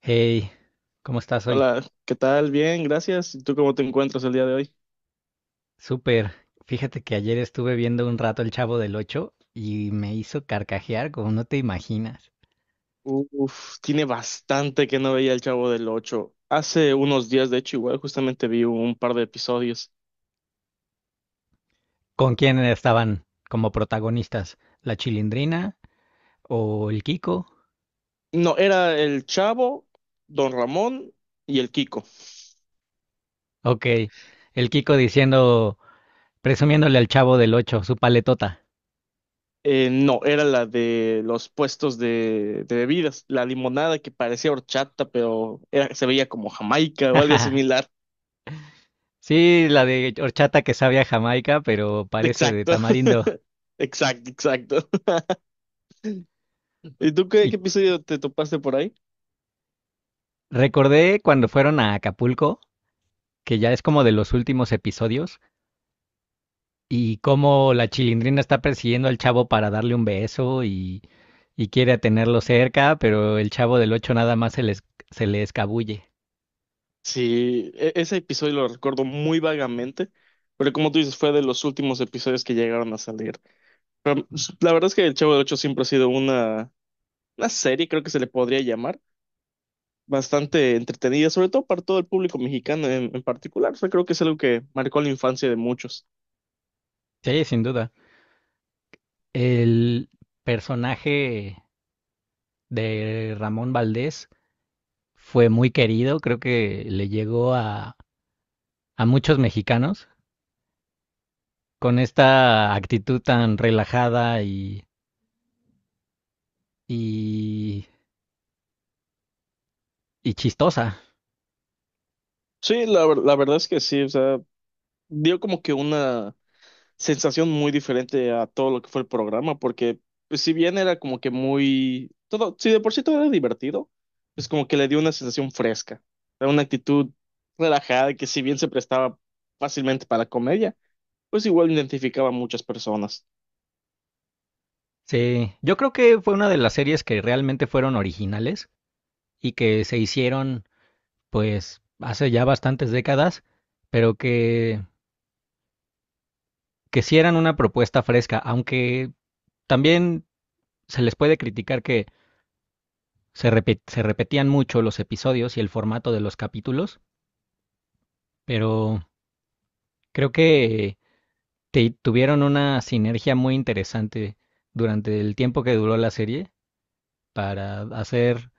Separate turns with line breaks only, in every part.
Hey, ¿cómo estás hoy?
Hola, ¿qué tal? Bien, gracias. ¿Y tú cómo te encuentras el día de hoy?
Súper. Fíjate que ayer estuve viendo un rato El Chavo del Ocho y me hizo carcajear como no te imaginas.
Uf, tiene bastante que no veía El Chavo del Ocho. Hace unos días, de hecho, igual justamente vi un par de episodios.
¿Con quién estaban como protagonistas? ¿La Chilindrina o el Kiko?
No, era el Chavo, Don Ramón y el Kiko.
Ok, el Kiko diciendo, presumiéndole al Chavo del Ocho su paletota.
No, era la de los puestos de bebidas, la limonada que parecía horchata, pero se veía como Jamaica o algo similar.
Sí, la de horchata que sabe a Jamaica, pero parece de
Exacto,
tamarindo.
exacto, exacto. ¿Y tú
Y
qué episodio te topaste por ahí?
recordé cuando fueron a Acapulco, que ya es como de los últimos episodios y cómo la Chilindrina está persiguiendo al Chavo para darle un beso y, quiere tenerlo cerca, pero el Chavo del Ocho nada más se le escabulle.
Sí, ese episodio lo recuerdo muy vagamente, pero como tú dices, fue de los últimos episodios que llegaron a salir. La verdad es que El Chavo del Ocho siempre ha sido una serie, creo que se le podría llamar, bastante entretenida, sobre todo para todo el público mexicano en particular. O sea, creo que es algo que marcó la infancia de muchos.
Sí, sin duda. El personaje de Ramón Valdés fue muy querido, creo que le llegó a muchos mexicanos con esta actitud tan relajada y, y chistosa.
Sí, la verdad es que sí, o sea, dio como que una sensación muy diferente a todo lo que fue el programa, porque pues, si bien era como que muy, todo, si de por sí todo era divertido, pues como que le dio una sensación fresca, era una actitud relajada que si bien se prestaba fácilmente para la comedia, pues igual identificaba a muchas personas.
Sí, yo creo que fue una de las series que realmente fueron originales y que se hicieron pues hace ya bastantes décadas, pero que sí eran una propuesta fresca, aunque también se les puede criticar que se repetían mucho los episodios y el formato de los capítulos, pero creo que tuvieron una sinergia muy interesante durante el tiempo que duró la serie para hacer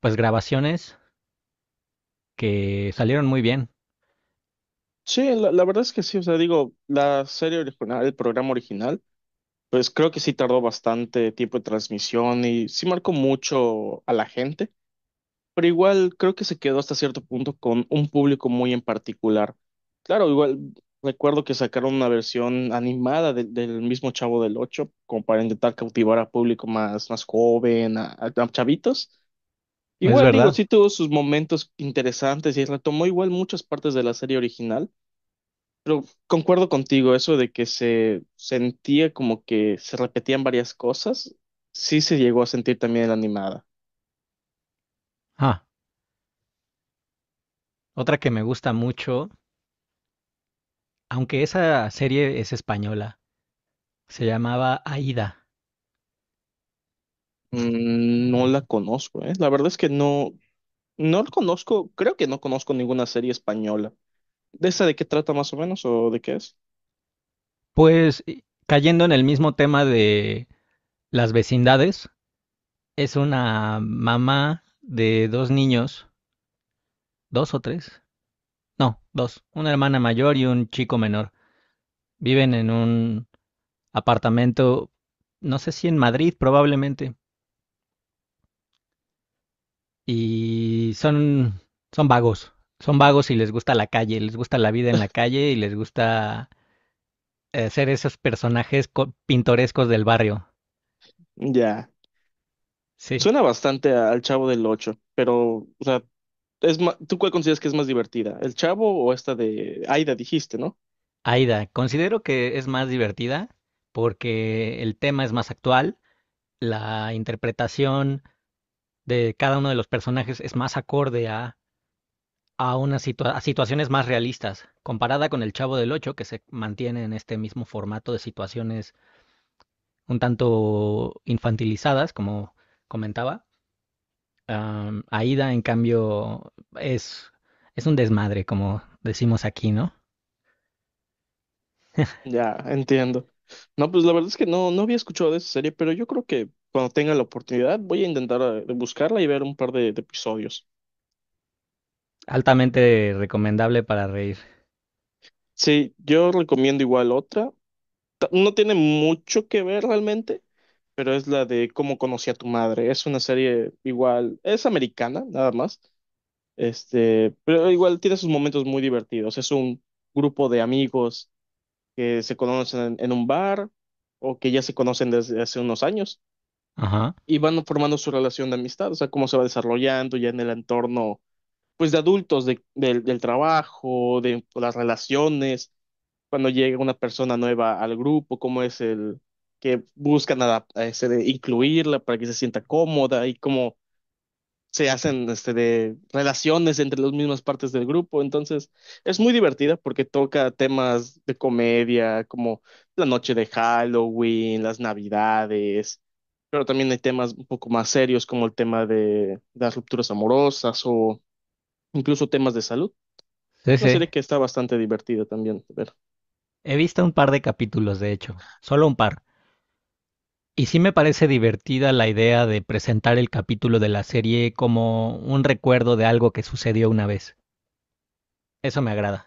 pues grabaciones que salieron muy bien.
Sí, la verdad es que sí, o sea, digo, la serie original, el programa original, pues creo que sí tardó bastante tiempo de transmisión y sí marcó mucho a la gente. Pero igual creo que se quedó hasta cierto punto con un público muy en particular. Claro, igual recuerdo que sacaron una versión animada del mismo Chavo del Ocho, como para intentar cautivar a público más joven, a chavitos.
Es
Igual digo,
verdad.
sí tuvo sus momentos interesantes y retomó igual muchas partes de la serie original, pero concuerdo contigo, eso de que se sentía como que se repetían varias cosas, sí se llegó a sentir también en la animada.
Ah, otra que me gusta mucho, aunque esa serie es española, se llamaba Aída.
Mm, no la conozco, ¿eh? La verdad es que no, no lo conozco, creo que no conozco ninguna serie española. ¿De esa de qué trata más o menos o de qué es?
Pues cayendo en el mismo tema de las vecindades, es una mamá de dos niños, dos o tres, no, dos, una hermana mayor y un chico menor. Viven en un apartamento, no sé, si en Madrid probablemente, y son, son vagos, son vagos y les gusta la calle, les gusta la vida en la calle y les gusta ser esos personajes pintorescos del barrio.
Ya.
Sí,
Suena bastante al Chavo del Ocho, pero, o sea, ¿tú cuál consideras que es más divertida? ¿El Chavo o esta de Aida, dijiste, ¿no?
Aida, considero que es más divertida porque el tema es más actual, la interpretación de cada uno de los personajes es más acorde unas a situaciones más realistas, comparada con El Chavo del Ocho, que se mantiene en este mismo formato de situaciones un tanto infantilizadas, como comentaba. Aida, en cambio, es, es un desmadre, como decimos aquí, ¿no?
Ya, entiendo. No, pues la verdad es que no, no había escuchado de esa serie, pero yo creo que cuando tenga la oportunidad voy a intentar buscarla y ver un par de episodios.
Altamente recomendable para reír.
Sí, yo recomiendo igual otra. No tiene mucho que ver realmente, pero es la de Cómo conocí a tu madre. Es una serie igual, es americana, nada más. Este, pero igual tiene sus momentos muy divertidos. Es un grupo de amigos que se conocen en un bar o que ya se conocen desde hace unos años
Ajá.
y van formando su relación de amistad, o sea, cómo se va desarrollando ya en el entorno, pues de adultos, del trabajo, de las relaciones cuando llega una persona nueva al grupo, cómo es el que buscan este, de incluirla para que se sienta cómoda y cómo se hacen este, de relaciones entre las mismas partes del grupo. Entonces, es muy divertida porque toca temas de comedia, como la noche de Halloween, las Navidades, pero también hay temas un poco más serios como el tema de las rupturas amorosas o incluso temas de salud.
Sí,
Es una
sí.
serie que está bastante divertida también. De ver.
He visto un par de capítulos, de hecho, solo un par. Y sí me parece divertida la idea de presentar el capítulo de la serie como un recuerdo de algo que sucedió una vez. Eso me agrada.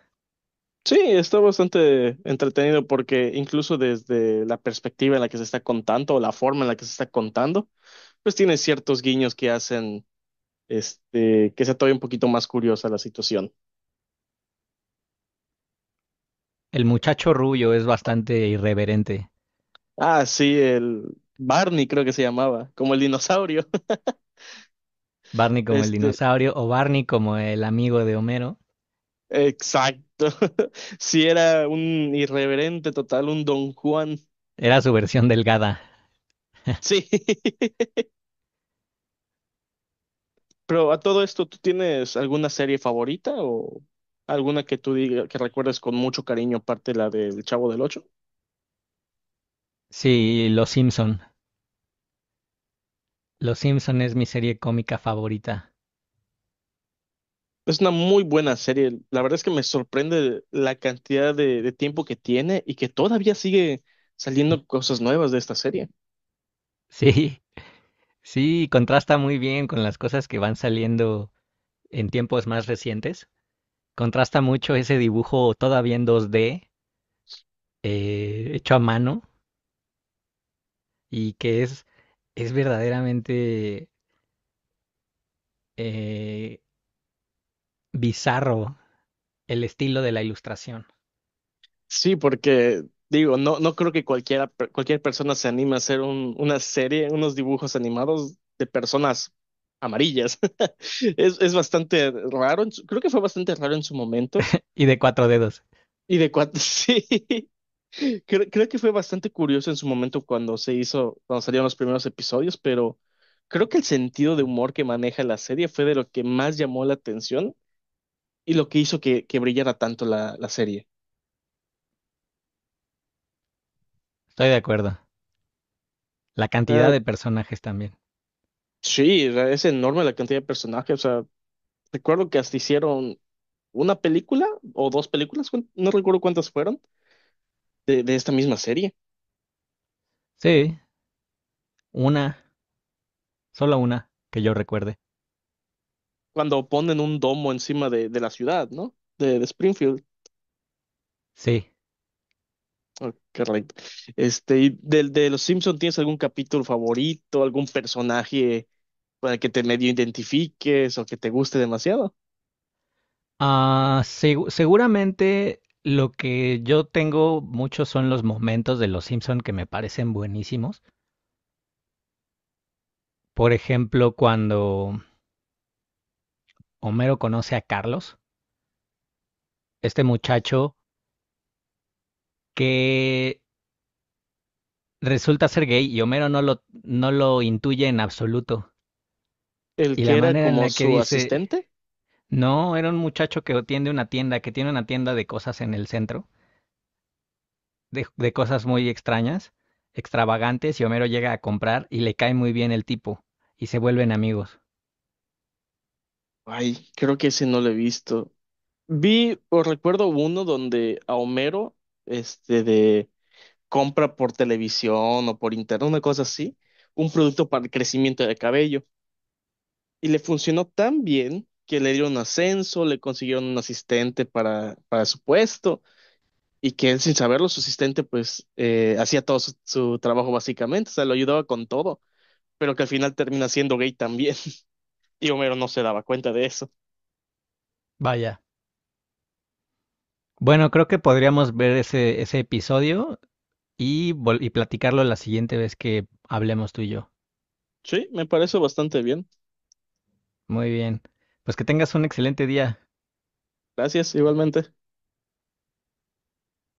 Sí, está bastante entretenido porque incluso desde la perspectiva en la que se está contando o la forma en la que se está contando, pues tiene ciertos guiños que hacen este que sea todavía un poquito más curiosa la situación.
El muchacho rubio es bastante irreverente.
Ah, sí, el Barney creo que se llamaba, como el dinosaurio.
Barney como el
Este,
dinosaurio o Barney como el amigo de Homero.
exacto. Sí, era un irreverente total, un Don Juan.
Era su versión delgada.
Sí. Pero a todo esto, ¿tú tienes alguna serie favorita o alguna que tú digas que recuerdes con mucho cariño, aparte de la del Chavo del Ocho?
Sí, Los Simpson. Los Simpson es mi serie cómica favorita.
Es una muy buena serie. La verdad es que me sorprende la cantidad de tiempo que tiene y que todavía sigue saliendo cosas nuevas de esta serie.
Sí, sí, contrasta muy bien con las cosas que van saliendo en tiempos más recientes. Contrasta mucho ese dibujo todavía en 2D, hecho a mano, y que es verdaderamente eh, bizarro el estilo de la ilustración.
Sí, porque digo, no, no creo que cualquiera, cualquier persona se anime a hacer una serie, unos dibujos animados de personas amarillas. Es bastante raro, creo que fue bastante raro en su momento.
Y de cuatro dedos,
Y de cuánto, sí. Creo que fue bastante curioso en su momento cuando se hizo, cuando salieron los primeros episodios, pero creo que el sentido de humor que maneja la serie fue de lo que más llamó la atención y lo que hizo que brillara tanto la serie.
estoy de acuerdo. La cantidad
O
de personajes también.
sí, o sea, es enorme la cantidad de personajes. O sea, recuerdo que hasta hicieron una película o dos películas, no recuerdo cuántas fueron, de esta misma serie,
Sí, una, solo una, que yo recuerde.
cuando ponen un domo encima de la ciudad, ¿no? De Springfield.
Sí.
Oh, correcto. Este, y del de los Simpson, ¿tienes algún capítulo favorito, algún personaje con el que te medio identifiques o que te guste demasiado?
Ah, seguramente lo que yo tengo mucho son los momentos de Los Simpson que me parecen buenísimos. Por ejemplo, cuando Homero conoce a Carlos, este muchacho que resulta ser gay y Homero no lo intuye en absoluto.
El
Y la
que era
manera en
como
la que
su
dice,
asistente.
no, era un muchacho que tiene una tienda, que tiene una tienda de cosas en el centro, de cosas muy extrañas, extravagantes, y Homero llega a comprar y le cae muy bien el tipo, y se vuelven amigos.
Ay, creo que ese no lo he visto. Vi o recuerdo uno donde a Homero, este, de compra por televisión o por internet, una cosa así, un producto para el crecimiento de cabello. Y le funcionó tan bien que le dieron ascenso, le consiguieron un asistente para su puesto. Y que él, sin saberlo, su asistente, pues, hacía todo su trabajo básicamente, o sea, lo ayudaba con todo, pero que al final termina siendo gay también. Y Homero no se daba cuenta de eso.
Vaya. Bueno, creo que podríamos ver ese episodio y, y platicarlo la siguiente vez que hablemos tú y yo.
Sí, me parece bastante bien.
Muy bien. Pues que tengas un excelente día.
Gracias, igualmente.